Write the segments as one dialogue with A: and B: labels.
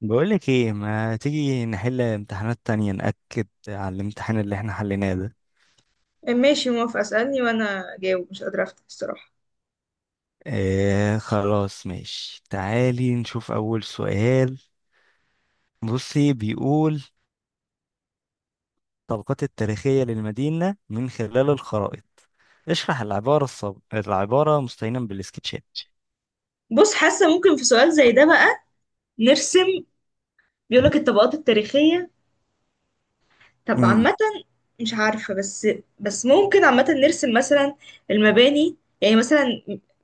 A: بقولك ايه، ما تيجي نحل امتحانات تانية نأكد على الامتحان اللي احنا حليناه ده.
B: ماشي، موافقة. اسألني وانا جاوب، مش قادرة افتح الصراحة.
A: اه، خلاص ماشي، تعالي نشوف أول سؤال. بصي، بيقول: طبقات التاريخية للمدينة من خلال الخرائط، اشرح العبارة العبارة مستعينا بالسكتشات.
B: بص، حاسة ممكن في سؤال زي ده بقى نرسم. بيقولك الطبقات التاريخية، طب
A: مم.
B: عامة. مش عارفة. بس ممكن عامة نرسم مثلا المباني، يعني مثلا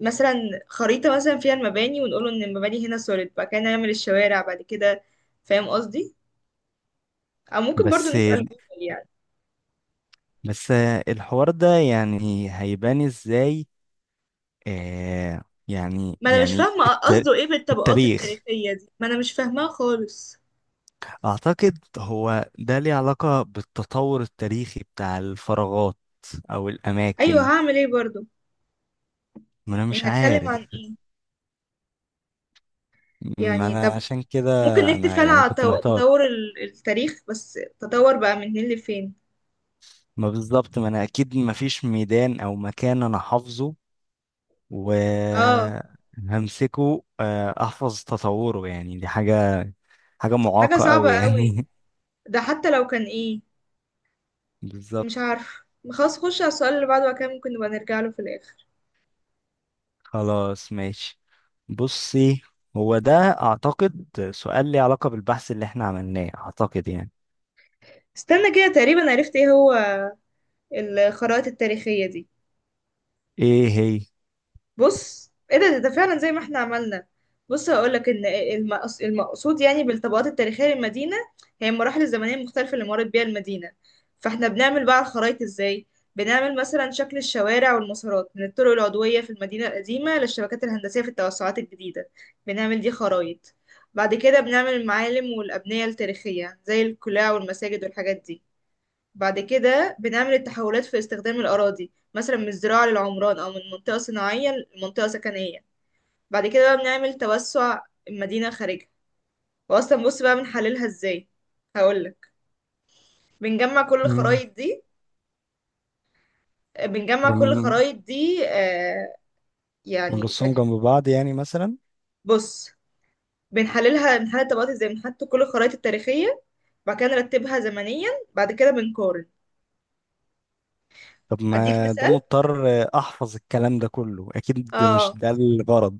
B: مثلا خريطة مثلا فيها المباني، ونقول ان المباني هنا سوليد، بعد كده نعمل الشوارع بعد كده، فاهم قصدي؟ او ممكن برضو
A: بس
B: نسأل جوجل يعني.
A: بس الحوار ده يعني هيبان ازاي؟ اه، يعني
B: ما انا مش
A: يعني
B: فاهمة قصده ايه بالطبقات
A: التاريخ.
B: التاريخية دي، ما انا مش فاهماها خالص.
A: أعتقد هو ده ليه علاقة بالتطور التاريخي بتاع الفراغات أو
B: ايوه،
A: الأماكن.
B: هعمل ايه برضو؟
A: ما أنا مش
B: يعني هتكلم
A: عارف،
B: عن ايه؟
A: ما
B: يعني
A: أنا
B: طب
A: عشان كده.
B: ممكن نكتب
A: أنا
B: فعلا
A: يعني
B: على
A: كنت محتار،
B: تطور التاريخ، بس تطور بقى من هنا لفين؟
A: ما بالظبط، ما أنا أكيد ما فيش ميدان أو مكان أنا حافظه
B: اه،
A: وهمسكه، أحفظ تطوره، يعني دي حاجة، حاجة
B: حاجة
A: معاقة
B: صعبة
A: أوي
B: قوي،
A: يعني.
B: ده حتى لو كان ايه.
A: بالظبط.
B: مش عارف. خلاص، خش على السؤال اللي بعده وكان ممكن نبقى نرجع له في الآخر.
A: خلاص ماشي، بصي، هو ده، أعتقد، سؤال ليه علاقة بالبحث اللي احنا عملناه، أعتقد يعني.
B: استنى كده، تقريبا عرفت ايه هو الخرائط التاريخية دي.
A: ايه هي؟
B: بص، ايه ده، ده فعلا زي ما احنا عملنا. بص، هقولك ان المقصود يعني بالطبقات التاريخية للمدينة هي المراحل الزمنية المختلفة اللي مرت بيها المدينة. فاحنا بنعمل بقى الخرايط ازاي؟ بنعمل مثلا شكل الشوارع والمسارات من الطرق العضوية في المدينة القديمة للشبكات الهندسية في التوسعات الجديدة، بنعمل دي خرايط. بعد كده بنعمل المعالم والأبنية التاريخية زي القلاع والمساجد والحاجات دي. بعد كده بنعمل التحولات في استخدام الأراضي، مثلا من الزراعة للعمران أو من منطقة صناعية لمنطقة سكنية. بعد كده بقى بنعمل توسع المدينة خارجها. وأصلا بص بقى بنحللها ازاي، هقولك. بنجمع كل
A: مم.
B: الخرايط دي، بنجمع كل
A: ون-
B: الخرايط دي آه يعني
A: ونرصهم
B: ثانية.
A: جنب بعض يعني مثلا.
B: بص، بنحللها، بنحلل الطبقات ازاي، بنحط كل الخرايط التاريخية، بعد كده نرتبها زمنيا، بعد كده بنقارن.
A: طب
B: أديك
A: ما ده
B: مثال.
A: مضطر احفظ الكلام ده كله، اكيد مش
B: اه،
A: ده الغرض.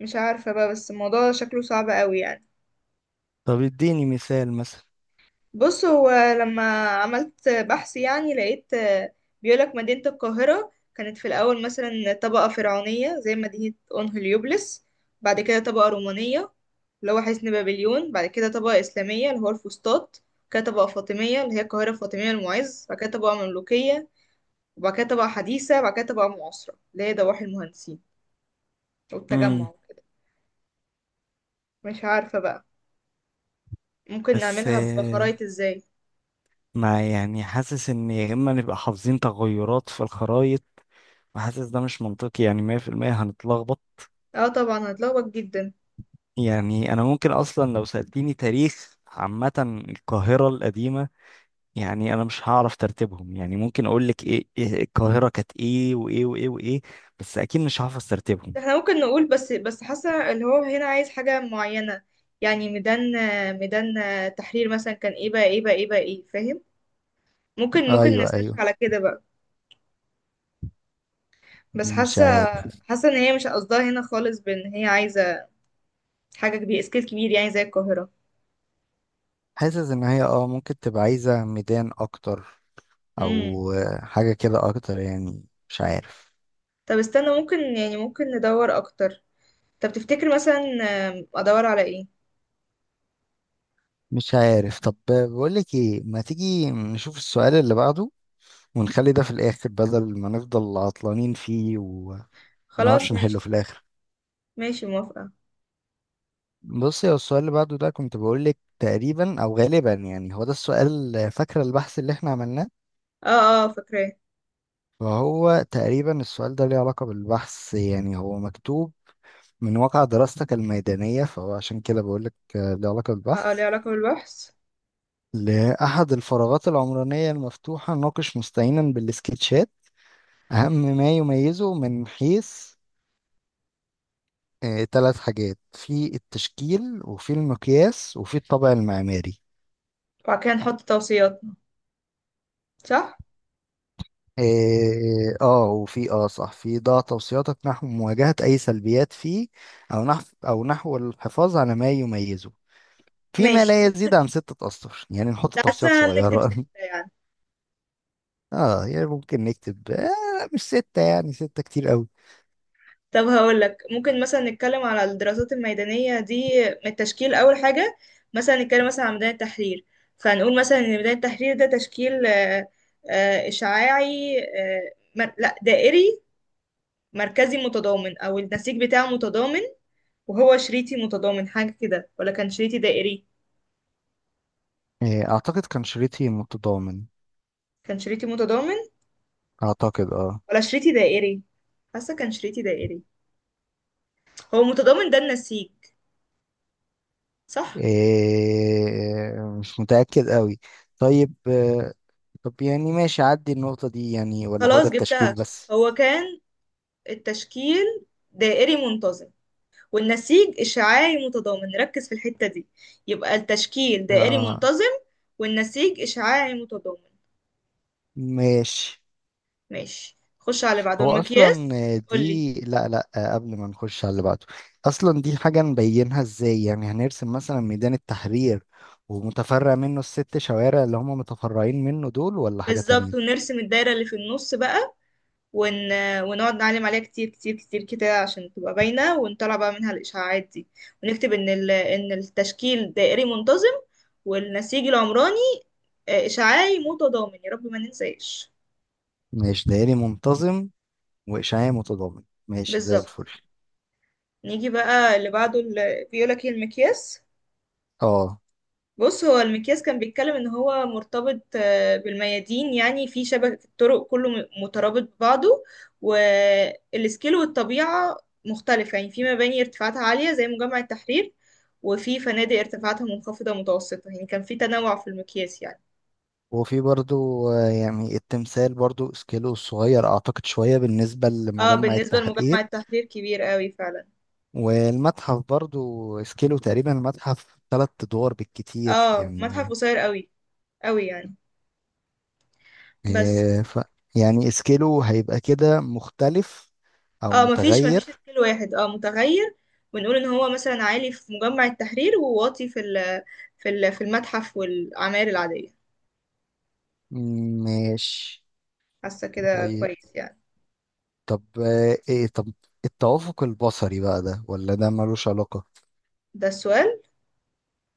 B: مش عارفة بقى، بس الموضوع شكله صعب قوي يعني.
A: طب اديني مثال مثلا.
B: بص هو، لما عملت بحث يعني لقيت بيقولك مدينة القاهرة كانت في الأول مثلا طبقة فرعونية زي مدينة أنهيليوبلس، بعد كده طبقة رومانية اللي هو حصن بابليون، بعد كده طبقة إسلامية اللي هو الفسطاط، بعد كده طبقة فاطمية اللي هي القاهرة الفاطمية المعز، بعد كده طبقة مملوكية، وبعد كده طبقة حديثة، بعد كده طبقة معاصرة اللي هي ضواحي المهندسين والتجمع
A: امم.
B: وكده. مش عارفة بقى ممكن
A: بس،
B: نعملها بخرايط ازاي.
A: ما يعني حاسس ان يا اما نبقى حافظين تغيرات في الخرايط، وحاسس ده مش منطقي، يعني 100% هنتلخبط.
B: اه طبعا هتلخبط جدا.
A: يعني انا ممكن اصلا لو سألتيني تاريخ عامة القاهرة القديمة، يعني انا مش هعرف ترتيبهم، يعني ممكن اقول لك ايه، القاهرة كانت ايه وايه وايه وايه، بس اكيد مش هحفظ ترتيبهم.
B: احنا ممكن نقول، بس حاسه اللي هو هنا عايز حاجه معينه، يعني ميدان تحرير مثلا كان ايه بقى ايه بقى ايه بقى ايه، فاهم؟ ممكن
A: ايوه،
B: نسيرش
A: ايوه،
B: على كده بقى. بس
A: مش
B: حاسه
A: عارف.
B: حاسه ان هي مش قصدها هنا خالص، بان هي عايزه حاجه كبيره، سكيل كبير يعني زي القاهره.
A: حاسس ان هي، ممكن تبقى عايزة ميدان اكتر،
B: امم.
A: او حاجة كده اكتر، يعني مش عارف.
B: طب استنى، ممكن يعني ممكن ندور اكتر. طب تفتكر مثلا ادور على ايه؟
A: مش عارف، طب بقولك ايه، ما تيجي نشوف السؤال اللي بعده ونخلي ده في الاخر بدل ما نفضل عطلانين فيه
B: خلاص
A: ومنعرفش
B: ماشي.
A: نحله في الاخر.
B: ماشي موافقه.
A: بصي، هو السؤال اللي بعده ده كنت بقول لك تقريبا او غالبا يعني هو ده السؤال، فاكره البحث اللي احنا عملناه؟
B: اه. اه فاكراه.
A: فهو تقريبا السؤال ده ليه علاقة بالبحث، يعني هو مكتوب: من واقع دراستك الميدانية، فهو عشان كده بقول لك ليه علاقة
B: اه، ليه
A: بالبحث.
B: علاقه بالبحث.
A: لأحد الفراغات العمرانية المفتوحة، ناقش مستعينا بالسكتشات أهم ما يميزه من حيث ثلاث حاجات: في التشكيل وفي المقياس وفي الطابع المعماري.
B: وبعد كده نحط توصياتنا، صح.
A: إيه، وفي، صح، في ضع توصياتك نحو مواجهة أي سلبيات فيه، أو نحو الحفاظ على ما يميزه فيما
B: ماشي.
A: لا يزيد عن ستة أسطر، يعني نحط توصيات
B: حاسة هنكتب
A: صغيرة.
B: ستة يعني.
A: اه، يعني ممكن نكتب، مش ستة، يعني ستة كتير أوي.
B: طب هقول لك، ممكن مثلا نتكلم على الدراسات الميدانية دي من التشكيل أول حاجة. مثلا نتكلم مثلا عن ميدان التحرير، فهنقول مثلا إن ميدان التحرير ده تشكيل إشعاعي، لا دائري مركزي متضامن، أو النسيج بتاعه متضامن. وهو شريطي متضامن حاجة كده ولا كان شريطي دائري؟
A: إيه، أعتقد كان شريطي متضامن.
B: كان شريطي متضامن
A: أعتقد،
B: ولا شريطي دائري؟ حاسة كان شريطي دائري. هو متضامن، ده النسيج، صح؟
A: إيه، مش متأكد أوي. طيب، طب يعني ماشي، عدي النقطة دي يعني، ولا هو ده
B: خلاص
A: التشكيل
B: جبتها.
A: بس؟
B: هو كان التشكيل دائري منتظم والنسيج إشعاعي متضامن، نركز في الحتة دي. يبقى التشكيل دائري
A: اه،
B: منتظم والنسيج إشعاعي متضامن.
A: ماشي.
B: ماشي، خش على بعضه،
A: هو اصلا
B: المقياس قولي.
A: دي، لا، لا، قبل ما نخش على اللي بعده، اصلا دي حاجه نبينها ازاي؟ يعني هنرسم مثلا ميدان التحرير ومتفرع منه الست شوارع اللي هم متفرعين منه دول، ولا حاجه
B: بالظبط،
A: تانية؟
B: ونرسم الدايرة اللي في النص بقى ون... ونقعد نعلم عليها كتير كتير كتير كده عشان تبقى باينة، ونطلع بقى منها الإشعاعات دي، ونكتب إن إن التشكيل دائري منتظم والنسيج العمراني إشعاعي متضامن، يا رب ما ننساش.
A: ماشي، دائري منتظم واشعاع متضامن، ماشي زي
B: بالظبط.
A: الفل.
B: نيجي بقى اللي بعده، اللي بيقولك ايه، المقياس.
A: اه،
B: بص، هو المقياس كان بيتكلم ان هو مرتبط بالميادين، يعني في شبكة الطرق كله مترابط ببعضه. والسكيل والطبيعة مختلفة، يعني في مباني ارتفاعاتها عالية زي مجمع التحرير، وفي فنادق ارتفاعاتها منخفضة متوسطة، يعني كان في تنوع في المقياس يعني.
A: وفي برضو، يعني التمثال برضو اسكيلو صغير، اعتقد شويه بالنسبه
B: اه
A: لمجمع
B: بالنسبة لمجمع
A: التحرير.
B: التحرير كبير قوي فعلا.
A: والمتحف برضو اسكيلو تقريبا، المتحف ثلاث ادوار بالكتير
B: اه متحف
A: يعني.
B: قصير قوي قوي يعني. بس
A: آه، ف يعني سكيلو هيبقى كده مختلف او
B: اه، مفيش
A: متغير.
B: سكيل واحد، اه متغير. ونقول ان هو مثلا عالي في مجمع التحرير وواطي في ال، في المتحف والعماير العادية.
A: ماشي.
B: حاسة كده
A: طيب،
B: كويس يعني.
A: طب، ايه، طب التوافق البصري بقى، ده ولا ده ملوش علاقة؟
B: ده السؤال.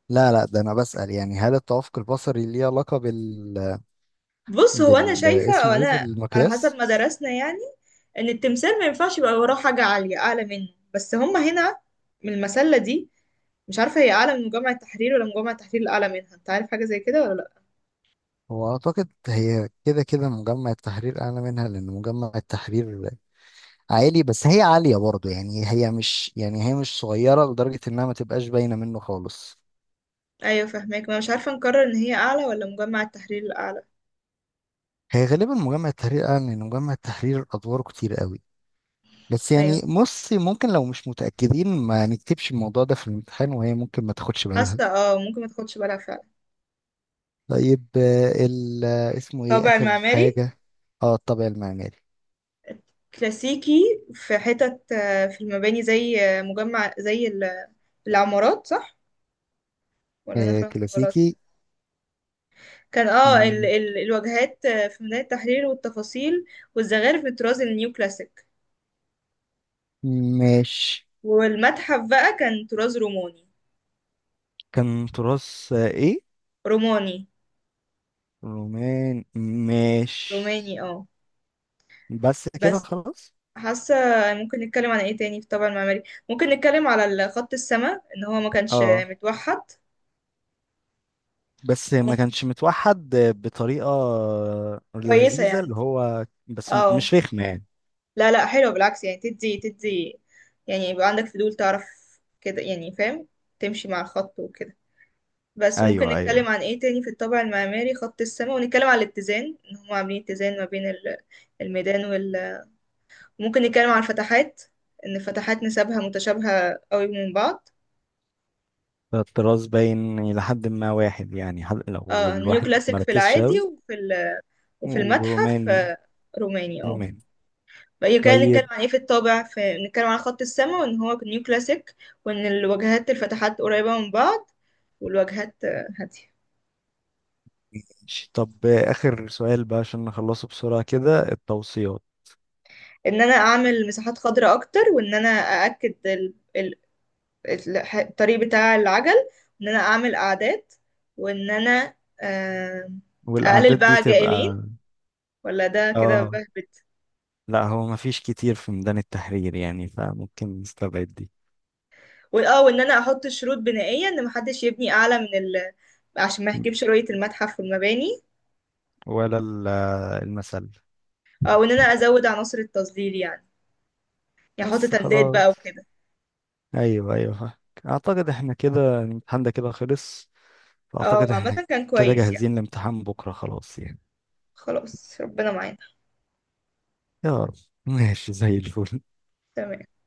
A: لا، لا، ده انا بسأل يعني، هل التوافق البصري ليه علاقة بال،
B: بص هو، انا
A: بال
B: شايفة، او
A: اسمه ايه،
B: انا على حسب
A: بالمقياس؟
B: ما درسنا يعني، ان التمثال ما ينفعش يبقى وراه حاجة عالية اعلى منه، بس هما هنا من المسلة دي. مش عارفة هي أعلى من مجمع التحرير ولا مجمع التحرير الأعلى منها، أنت عارف حاجة زي كده ولا لأ؟
A: هو اعتقد هي كده كده مجمع التحرير اعلى منها، لان مجمع التحرير عالي، بس هي عالية برضه، يعني هي مش، يعني هي مش صغيرة لدرجة انها ما تبقاش باينة منه خالص.
B: أيوة فاهماك، ما أنا مش عارفة نقرر إن هي أعلى ولا مجمع التحرير الأعلى.
A: هي غالبا مجمع التحرير، قال ان مجمع التحرير ادواره كتير قوي. بس
B: أيوة.
A: يعني بص، ممكن لو مش متاكدين ما نكتبش الموضوع ده في الامتحان، وهي ممكن ما تاخدش بالها.
B: حاسة اه ممكن ما تاخدش بالها فعلا.
A: طيب، ال، اسمه ايه،
B: طابع
A: اخر
B: المعماري
A: حاجه. اه، الطابع المعماري.
B: كلاسيكي في حتت، في المباني زي مجمع زي العمارات، صح ولا انا فاهمة غلط؟
A: كلاسيكي.
B: كان اه ال
A: مم،
B: ال الواجهات في ميدان التحرير، والتفاصيل والزخارف في الطراز النيو كلاسيك.
A: ماشي.
B: والمتحف بقى كان طراز روماني.
A: كان تراث، ايه،
B: روماني،
A: رومان. ماشي.
B: روماني اه.
A: بس كده
B: بس
A: خلاص.
B: حاسة ممكن نتكلم عن ايه تاني في طابع المعماري. ممكن نتكلم على خط السماء ان هو ما كانش
A: اه،
B: متوحد.
A: بس ما
B: مم.
A: كانش متوحد بطريقه
B: كويسة
A: لذيذه،
B: يعني.
A: اللي هو بس
B: اه.
A: مش رخمه يعني.
B: لا لا، حلو بالعكس يعني، تدي يعني يبقى عندك فضول تعرف كده يعني، فاهم؟ تمشي مع الخط وكده. بس ممكن
A: ايوه،
B: نتكلم
A: ايوه،
B: عن ايه تاني في الطابع المعماري، خط السماء، ونتكلم عن الاتزان ان هم عاملين اتزان ما بين الميدان وال، ممكن نتكلم عن الفتحات ان الفتحات نسبها متشابهة قوي من بعض.
A: الطراز باين الى حد ما واحد يعني، حد لو
B: اه، نيو
A: الواحد
B: كلاسيك في
A: مركزش
B: العادي
A: اوي.
B: وفي المتحف
A: وروماني.
B: روماني اه.
A: روماني.
B: بقى كان نتكلم
A: طيب،
B: عن ايه في الطابع. في، نتكلم عن خط السما، وان هو نيو كلاسيك، وان الواجهات الفتحات قريبة من بعض، والواجهات هادية.
A: طب اخر سؤال بقى عشان نخلصه بسرعه كده، التوصيات.
B: ان انا اعمل مساحات خضراء اكتر، وان انا ااكد الطريق بتاع العجل، وان انا اعمل قعدات، وان انا آه، اقلل
A: والاعداد دي
B: بقى جائلين،
A: تبقى،
B: ولا ده كده
A: اه.
B: بهبت؟
A: لا، هو مفيش كتير في ميدان التحرير يعني، فممكن نستبعد دي.
B: وان انا احط شروط بنائيه ان محدش يبني اعلى من ال، عشان ما يحجبش رؤيه المتحف والمباني.
A: ولا ال- المثل.
B: اه، وان انا ازود عناصر التظليل يعني، يحط
A: بس
B: تندات
A: خلاص.
B: بقى وكده.
A: ايوه، ايوه، فاهمك. اعتقد احنا كده الامتحان ده كده خلص، فاعتقد
B: اه عامة
A: احنا
B: كان
A: كده
B: كويس يعني.
A: جاهزين لامتحان بكره خلاص يعني.
B: خلاص، ربنا معانا.
A: يا رب. ماشي زي الفل.
B: تمام.